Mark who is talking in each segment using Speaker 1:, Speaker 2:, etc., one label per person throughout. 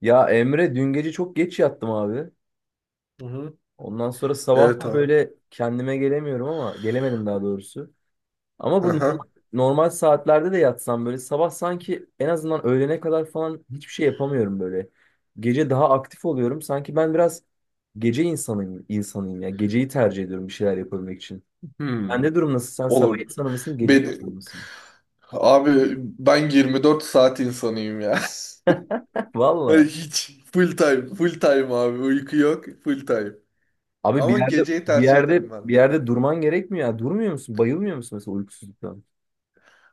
Speaker 1: Ya Emre dün gece çok geç yattım abi.
Speaker 2: Hı hı.
Speaker 1: Ondan sonra sabah
Speaker 2: Evet
Speaker 1: da
Speaker 2: abi.
Speaker 1: böyle kendime gelemiyorum ama gelemedim daha doğrusu. Ama bu normal,
Speaker 2: Aha.
Speaker 1: normal saatlerde de yatsam böyle sabah sanki en azından öğlene kadar falan hiçbir şey yapamıyorum böyle. Gece daha aktif oluyorum. Sanki ben biraz gece insanıyım, insanıyım ya. Geceyi tercih ediyorum bir şeyler yapabilmek için.
Speaker 2: Hmm.
Speaker 1: Sende durum nasıl? Sen sabah
Speaker 2: Oğlum
Speaker 1: insanı mısın, gece
Speaker 2: beni
Speaker 1: insanı mısın?
Speaker 2: Abi ben 24 saat insanıyım ya.
Speaker 1: Valla.
Speaker 2: Hiç full time, full time abi. Uyku yok, full time.
Speaker 1: Abi bir
Speaker 2: Ama
Speaker 1: yerde
Speaker 2: geceyi
Speaker 1: bir
Speaker 2: tercih
Speaker 1: yerde
Speaker 2: ederim ben
Speaker 1: bir
Speaker 2: de.
Speaker 1: yerde durman gerekmiyor ya. Durmuyor musun? Bayılmıyor musun mesela uykusuzluktan?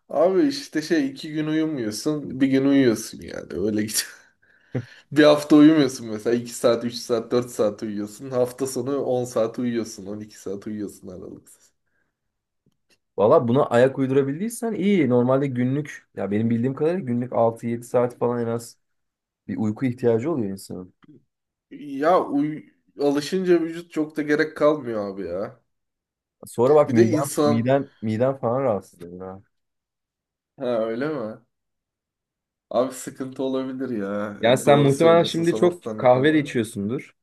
Speaker 2: Abi işte şey 2 gün uyumuyorsun, bir gün uyuyorsun yani. Öyle git. Bir hafta uyumuyorsun mesela 2 saat, 3 saat, 4 saat uyuyorsun. Hafta sonu 10 saat uyuyorsun, 12 saat uyuyorsun aralıksız.
Speaker 1: Valla buna ayak uydurabildiysen iyi. Normalde günlük ya benim bildiğim kadarıyla günlük altı yedi saat falan en az bir uyku ihtiyacı oluyor insanın.
Speaker 2: Ya alışınca vücut çok da gerek kalmıyor abi ya.
Speaker 1: Sonra bak
Speaker 2: Bir de
Speaker 1: miden
Speaker 2: insan...
Speaker 1: miden miden falan rahatsız ediyor ha.
Speaker 2: Ha, öyle mi? Abi sıkıntı olabilir ya.
Speaker 1: Yani
Speaker 2: E,
Speaker 1: sen
Speaker 2: doğru
Speaker 1: muhtemelen
Speaker 2: söylüyorsun,
Speaker 1: şimdi çok
Speaker 2: sanatsanlık
Speaker 1: kahve de
Speaker 2: olmuyor.
Speaker 1: içiyorsundur.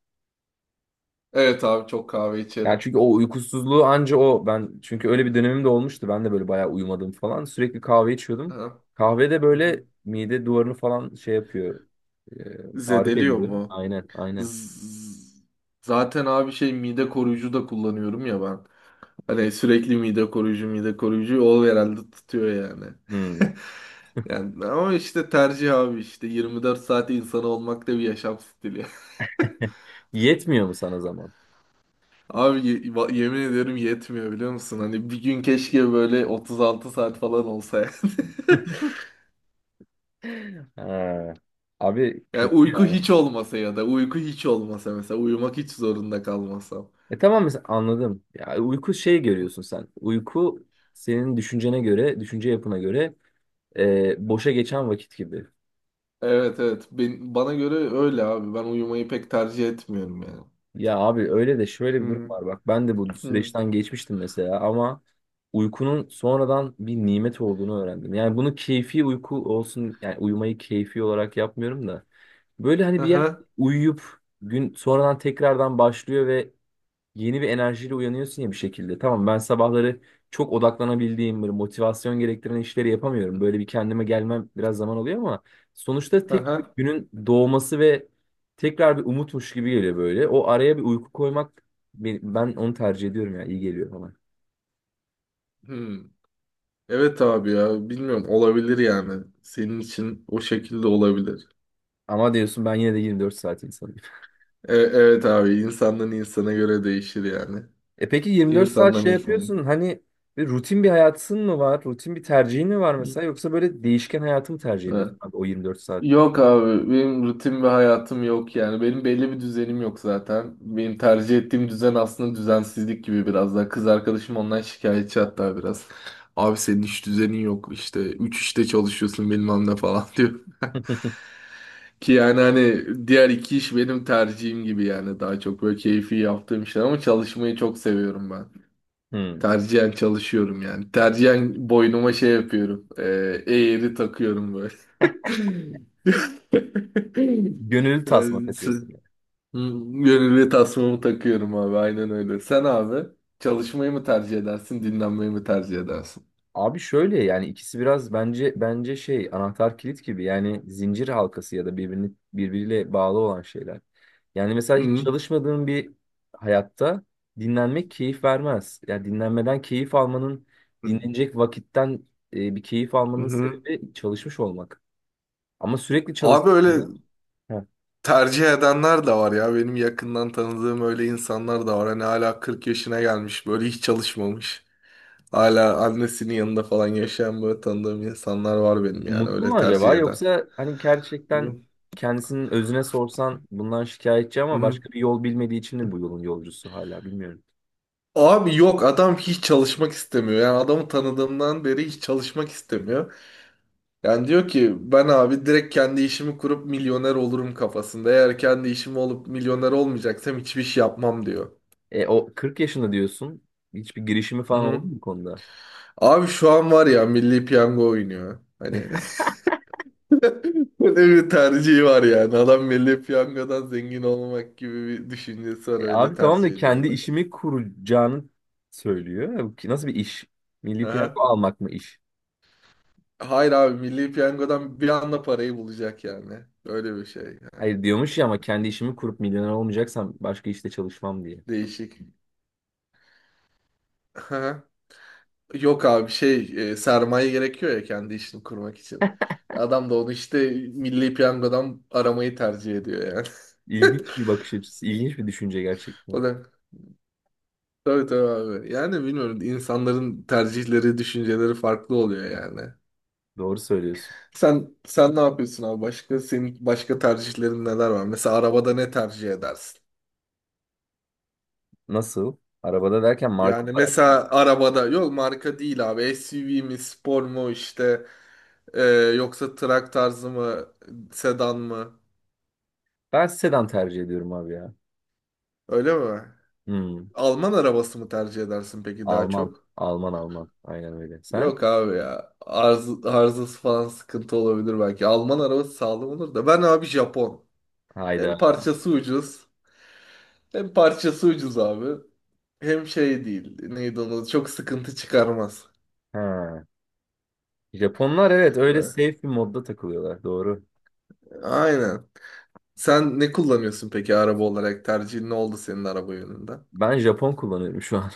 Speaker 2: Evet abi, çok kahve
Speaker 1: Yani
Speaker 2: içerim.
Speaker 1: çünkü o uykusuzluğu anca o ben çünkü öyle bir dönemim de olmuştu. Ben de böyle bayağı uyumadım falan. Sürekli kahve içiyordum.
Speaker 2: Aha.
Speaker 1: Kahve de
Speaker 2: Hı hı.
Speaker 1: böyle mide duvarını falan şey yapıyor. Tarif
Speaker 2: Zedeliyor
Speaker 1: ediyor.
Speaker 2: mu?
Speaker 1: Aynen, aynen.
Speaker 2: Z- Zaten abi şey mide koruyucu da kullanıyorum ya ben. Hani sürekli mide koruyucu mide koruyucu, o herhalde tutuyor yani.
Speaker 1: Hmm.
Speaker 2: Yani ama işte tercih abi, işte 24 saat insan olmak da bir yaşam stili.
Speaker 1: Yetmiyor mu sana zaman?
Speaker 2: Abi yemin ederim yetmiyor, biliyor musun? Hani bir gün keşke böyle 36 saat falan olsa yani.
Speaker 1: Ha. Abi
Speaker 2: Yani
Speaker 1: kötü
Speaker 2: uyku
Speaker 1: ya.
Speaker 2: hiç olmasa, ya da uyku hiç olmasa mesela, uyumak hiç zorunda kalmasam.
Speaker 1: E tamam mesela anladım. Ya uyku şey görüyorsun sen. Uyku senin düşüncene göre, düşünce yapına göre, boşa geçen vakit gibi.
Speaker 2: Evet, evet, bana göre öyle abi. Ben uyumayı pek tercih etmiyorum yani.
Speaker 1: Ya abi öyle de şöyle bir durum
Speaker 2: Hı
Speaker 1: var bak. Ben de bu
Speaker 2: hı.
Speaker 1: süreçten geçmiştim mesela ama uykunun sonradan bir nimet olduğunu öğrendim. Yani bunu keyfi uyku olsun yani uyumayı keyfi olarak yapmıyorum da. Böyle hani bir yer
Speaker 2: Aha.
Speaker 1: uyuyup gün sonradan tekrardan başlıyor ve yeni bir enerjiyle uyanıyorsun ya bir şekilde. Tamam ben sabahları çok odaklanabildiğim böyle motivasyon gerektiren işleri yapamıyorum. Böyle bir kendime gelmem biraz zaman oluyor ama sonuçta tek bir
Speaker 2: Aha.
Speaker 1: günün doğması ve tekrar bir umutmuş gibi geliyor böyle. O araya bir uyku koymak ben onu tercih ediyorum ya iyi geliyor bana.
Speaker 2: Hı. Evet abi, ya bilmiyorum, olabilir yani. Senin için o şekilde olabilir.
Speaker 1: Ama diyorsun ben yine de 24 saat insanıyım.
Speaker 2: Evet abi, insandan insana göre değişir yani.
Speaker 1: E peki 24 saat
Speaker 2: İnsandan
Speaker 1: şey
Speaker 2: insana.
Speaker 1: yapıyorsun hani bir rutin bir hayatın mı var? Rutin bir tercihin mi var mesela yoksa böyle değişken hayatı mı tercih ediyorsun
Speaker 2: Hı.
Speaker 1: abi o 24 saat?
Speaker 2: Yok abi, benim rutin ve hayatım yok yani, benim belli bir düzenim yok. Zaten benim tercih ettiğim düzen aslında düzensizlik gibi. Biraz daha kız arkadaşım ondan şikayetçi hatta, biraz abi senin hiç düzenin yok işte, üç işte çalışıyorsun bilmem ne falan diyor ki, yani hani diğer iki iş benim tercihim gibi yani, daha çok böyle keyfi yaptığım işler, ama çalışmayı çok seviyorum ben.
Speaker 1: Hmm.
Speaker 2: Tercihen çalışıyorum yani. Tercihen boynuma şey yapıyorum. Eğri takıyorum böyle.
Speaker 1: Gönüllü tasma
Speaker 2: Yani
Speaker 1: takıyorsun
Speaker 2: sı-
Speaker 1: yani.
Speaker 2: Hmm. Gönüllü tasmamı takıyorum abi. Aynen öyle. Sen abi çalışmayı mı tercih edersin, dinlenmeyi mi tercih edersin?
Speaker 1: Abi şöyle yani ikisi biraz bence şey anahtar kilit gibi yani zincir halkası ya da birbirini birbiriyle bağlı olan şeyler. Yani mesela hiç
Speaker 2: Hı
Speaker 1: çalışmadığın bir hayatta dinlenmek keyif vermez. Yani dinlenmeden keyif almanın
Speaker 2: hı.
Speaker 1: dinlenecek vakitten, bir keyif almanın
Speaker 2: Hı.
Speaker 1: sebebi çalışmış olmak. Ama sürekli
Speaker 2: Abi öyle
Speaker 1: çalıştığında he.
Speaker 2: tercih edenler de var ya. Benim yakından tanıdığım öyle insanlar da var. Hani hala 40 yaşına gelmiş böyle, hiç çalışmamış. Hala annesinin yanında falan yaşayan böyle tanıdığım insanlar var benim, yani
Speaker 1: Mutlu mu
Speaker 2: öyle tercih
Speaker 1: acaba
Speaker 2: eden.
Speaker 1: yoksa hani gerçekten
Speaker 2: Hı
Speaker 1: kendisinin özüne sorsan bundan şikayetçi ama
Speaker 2: hı.
Speaker 1: başka bir yol bilmediği için mi bu yolun yolcusu hala bilmiyorum.
Speaker 2: Abi yok, adam hiç çalışmak istemiyor. Yani adamı tanıdığımdan beri hiç çalışmak istemiyor. Yani diyor ki, ben abi direkt kendi işimi kurup milyoner olurum kafasında. Eğer kendi işim olup milyoner olmayacaksam hiçbir şey yapmam diyor.
Speaker 1: E, o 40 yaşında diyorsun. Hiçbir girişimi
Speaker 2: Hı
Speaker 1: falan oldu
Speaker 2: hı.
Speaker 1: mu bu konuda?
Speaker 2: Abi şu an var ya, Milli Piyango oynuyor. Hani böyle bir tercihi var yani. Adam Milli Piyango'dan zengin olmak gibi bir düşüncesi var,
Speaker 1: E,
Speaker 2: öyle
Speaker 1: abi tamam da
Speaker 2: tercih ediyor
Speaker 1: kendi
Speaker 2: da.
Speaker 1: işimi kuracağını söylüyor. Nasıl bir iş? Milli piyango
Speaker 2: Aha.
Speaker 1: almak mı iş?
Speaker 2: Hayır abi, Milli Piyango'dan bir anda parayı bulacak yani. Öyle bir şey yani.
Speaker 1: Hayır diyormuş ya ama kendi işimi kurup milyoner olmayacaksam başka işte çalışmam diye.
Speaker 2: Değişik. Aha. Yok abi şey, sermaye gerekiyor ya kendi işini kurmak için. Adam da onu işte Milli Piyango'dan aramayı tercih ediyor yani.
Speaker 1: İlginç bir bakış açısı, ilginç bir düşünce
Speaker 2: O
Speaker 1: gerçekten.
Speaker 2: da tabii tabii abi. Yani bilmiyorum, insanların tercihleri, düşünceleri farklı oluyor yani.
Speaker 1: Doğru söylüyorsun.
Speaker 2: Sen ne yapıyorsun abi? Başka, senin başka tercihlerin neler var? Mesela arabada ne tercih edersin?
Speaker 1: Nasıl? Arabada derken marka
Speaker 2: Yani
Speaker 1: olarak.
Speaker 2: mesela arabada, yok marka değil abi, SUV mi, spor mu işte, e, yoksa trak tarzı mı, sedan mı?
Speaker 1: Ben sedan tercih ediyorum abi ya.
Speaker 2: Öyle mi?
Speaker 1: Hmm.
Speaker 2: Alman arabası mı tercih edersin peki daha
Speaker 1: Alman.
Speaker 2: çok?
Speaker 1: Alman. Aynen öyle. Sen?
Speaker 2: Yok abi ya, arzası falan sıkıntı olabilir belki. Alman arabası sağlam olur da, ben abi Japon.
Speaker 1: Hayda.
Speaker 2: Hem parçası ucuz, hem parçası ucuz abi, hem şey değil neydi, onu çok sıkıntı çıkarmaz.
Speaker 1: Ha. Japonlar evet öyle
Speaker 2: Böyle.
Speaker 1: safe bir modda takılıyorlar. Doğru.
Speaker 2: Aynen. Sen ne kullanıyorsun peki araba olarak? Tercihin ne oldu senin araba yönünde?
Speaker 1: Ben Japon kullanıyorum şu an.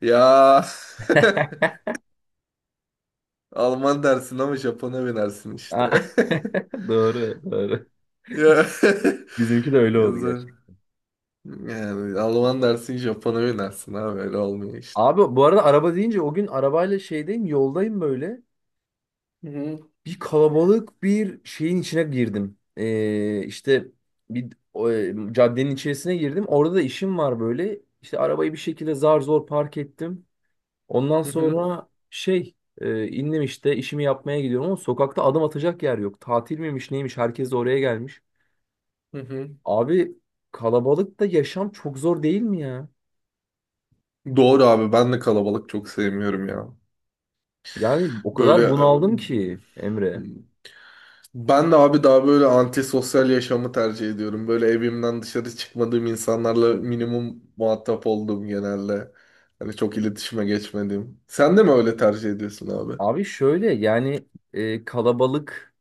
Speaker 2: Ya, Alman dersin ama Japon'a binersin
Speaker 1: Aa,
Speaker 2: işte.
Speaker 1: Doğru.
Speaker 2: Ya,
Speaker 1: Bizimki de öyle oldu
Speaker 2: yazı-
Speaker 1: gerçekten.
Speaker 2: yani Alman dersin, Japon'a binersin abi, öyle olmuyor işte.
Speaker 1: Abi bu arada araba deyince o gün arabayla şeydeyim yoldayım böyle.
Speaker 2: Hı hı,
Speaker 1: Bir kalabalık bir şeyin içine girdim. İşte caddenin içerisine girdim. Orada da işim var böyle. İşte arabayı bir şekilde zar zor park ettim. Ondan
Speaker 2: hı hı,
Speaker 1: sonra indim işte işimi yapmaya gidiyorum ama sokakta adım atacak yer yok. Tatil miymiş neymiş herkes de oraya gelmiş.
Speaker 2: hı hı.
Speaker 1: Abi kalabalıkta yaşam çok zor değil mi ya?
Speaker 2: Doğru abi, ben de kalabalık çok sevmiyorum ya.
Speaker 1: Yani o kadar
Speaker 2: Böyle.
Speaker 1: bunaldım ki Emre.
Speaker 2: e, Ben de abi daha böyle antisosyal yaşamı tercih ediyorum. Böyle evimden dışarı çıkmadığım, insanlarla minimum muhatap olduğum genelde. Hani çok iletişime geçmediğim. Sen de mi öyle tercih ediyorsun abi?
Speaker 1: Abi şöyle yani kalabalık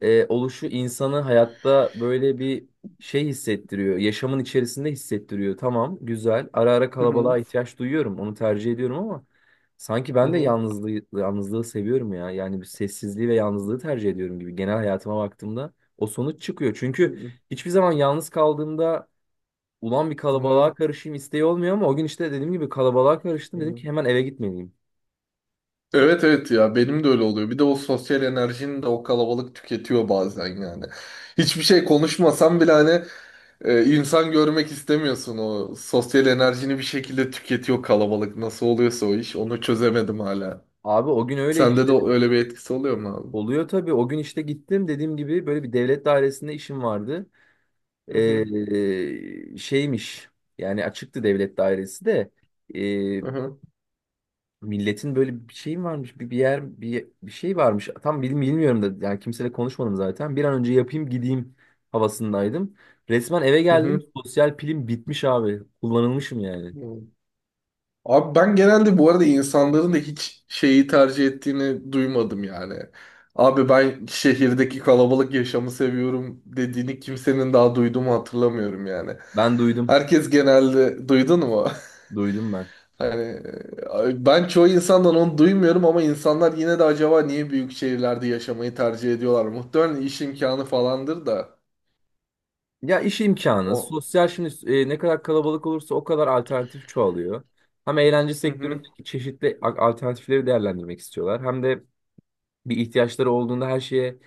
Speaker 1: oluşu insanı hayatta böyle bir şey hissettiriyor. Yaşamın içerisinde hissettiriyor. Tamam, güzel. Ara ara
Speaker 2: Hı
Speaker 1: kalabalığa
Speaker 2: hı.
Speaker 1: ihtiyaç duyuyorum. Onu tercih ediyorum ama sanki
Speaker 2: Hı
Speaker 1: ben de
Speaker 2: hı.
Speaker 1: yalnızlığı seviyorum ya. Yani bir sessizliği ve yalnızlığı tercih ediyorum gibi. Genel hayatıma baktığımda o sonuç çıkıyor.
Speaker 2: Hı
Speaker 1: Çünkü
Speaker 2: hı.
Speaker 1: hiçbir zaman yalnız kaldığımda ulan bir kalabalığa karışayım isteği olmuyor ama o gün işte dediğim gibi kalabalığa karıştım.
Speaker 2: Hı
Speaker 1: Dedim
Speaker 2: hı.
Speaker 1: ki hemen eve gitmeliyim.
Speaker 2: Evet, evet, ya benim de öyle oluyor. Bir de o sosyal enerjini de o kalabalık tüketiyor bazen yani. Hiçbir şey konuşmasam bile hani, insan görmek istemiyorsun, o sosyal enerjini bir şekilde tüketiyor kalabalık. Nasıl oluyorsa o iş, onu çözemedim hala.
Speaker 1: Abi o gün öyle
Speaker 2: Sende de
Speaker 1: işte
Speaker 2: öyle bir etkisi oluyor mu abi?
Speaker 1: oluyor tabii. O gün işte gittim dediğim gibi böyle bir devlet dairesinde işim vardı.
Speaker 2: Hı hı.
Speaker 1: Şeymiş yani açıktı devlet dairesi de ee,
Speaker 2: Hı hı.
Speaker 1: milletin böyle bir şey mi varmış bir yer bir şey varmış tam bilmiyorum da yani kimseyle konuşmadım zaten bir an önce yapayım gideyim havasındaydım. Resmen eve
Speaker 2: Hı
Speaker 1: geldim
Speaker 2: hı.
Speaker 1: sosyal pilim bitmiş abi kullanılmışım yani
Speaker 2: Hı. Abi ben genelde bu arada insanların da hiç şeyi tercih ettiğini duymadım yani. Abi ben, şehirdeki kalabalık yaşamı seviyorum dediğini kimsenin daha duyduğumu hatırlamıyorum yani.
Speaker 1: ben duydum
Speaker 2: Herkes genelde, duydun mu?
Speaker 1: duydum ben.
Speaker 2: Hani ben çoğu insandan onu duymuyorum, ama insanlar yine de acaba niye büyük şehirlerde yaşamayı tercih ediyorlar? Muhtemelen iş imkanı falandır da.
Speaker 1: Ya iş
Speaker 2: Hani
Speaker 1: imkanı
Speaker 2: o.
Speaker 1: sosyal şimdi ne kadar kalabalık olursa o kadar alternatif çoğalıyor. Hem eğlence
Speaker 2: Hı hı.
Speaker 1: sektöründeki çeşitli alternatifleri değerlendirmek istiyorlar hem de bir ihtiyaçları olduğunda her şeye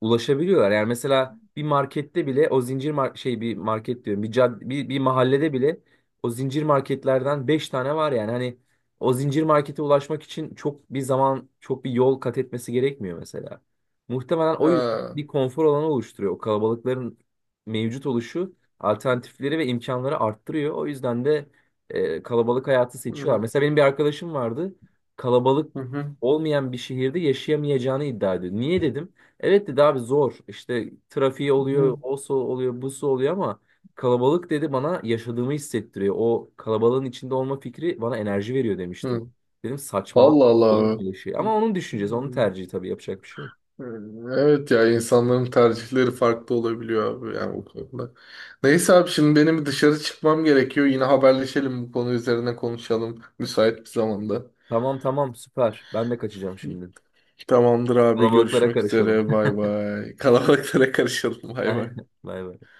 Speaker 1: ulaşabiliyorlar. Yani mesela bir markette bile o zincir mar- şey bir market diyorum bir mahallede bile o zincir marketlerden 5 tane var yani hani o zincir markete ulaşmak için çok bir zaman çok bir yol kat etmesi gerekmiyor mesela. Muhtemelen o yüzden
Speaker 2: Ha.
Speaker 1: bir konfor alanı oluşturuyor. O kalabalıkların mevcut oluşu alternatifleri ve imkanları arttırıyor. O yüzden de kalabalık hayatı
Speaker 2: Hı
Speaker 1: seçiyorlar.
Speaker 2: hı.
Speaker 1: Mesela benim bir arkadaşım vardı. Kalabalık
Speaker 2: Hı hı,
Speaker 1: olmayan bir şehirde yaşayamayacağını iddia ediyor. Niye dedim. Evet dedi abi zor. İşte trafiği oluyor,
Speaker 2: hı
Speaker 1: osu oluyor, busu oluyor ama kalabalık dedi bana yaşadığımı hissettiriyor. O kalabalığın içinde olma fikri bana enerji veriyor demişti.
Speaker 2: hı.
Speaker 1: Dedim saçmalama
Speaker 2: Allah
Speaker 1: olur mu
Speaker 2: Allah.
Speaker 1: böyle şey. Ama onun düşüncesi, onun tercihi tabii yapacak bir şey yok.
Speaker 2: Evet ya, insanların tercihleri farklı olabiliyor abi yani bu konuda. Neyse abi, şimdi benim dışarı çıkmam gerekiyor. Yine haberleşelim, bu konu üzerine konuşalım müsait bir zamanda.
Speaker 1: Tamam süper. Ben de kaçacağım şimdi.
Speaker 2: Tamamdır abi,
Speaker 1: Kalabalıklara
Speaker 2: görüşmek
Speaker 1: karışalım.
Speaker 2: üzere, bay bay. Kalabalıklara karışalım, bay bay.
Speaker 1: Aynen. Bay bay.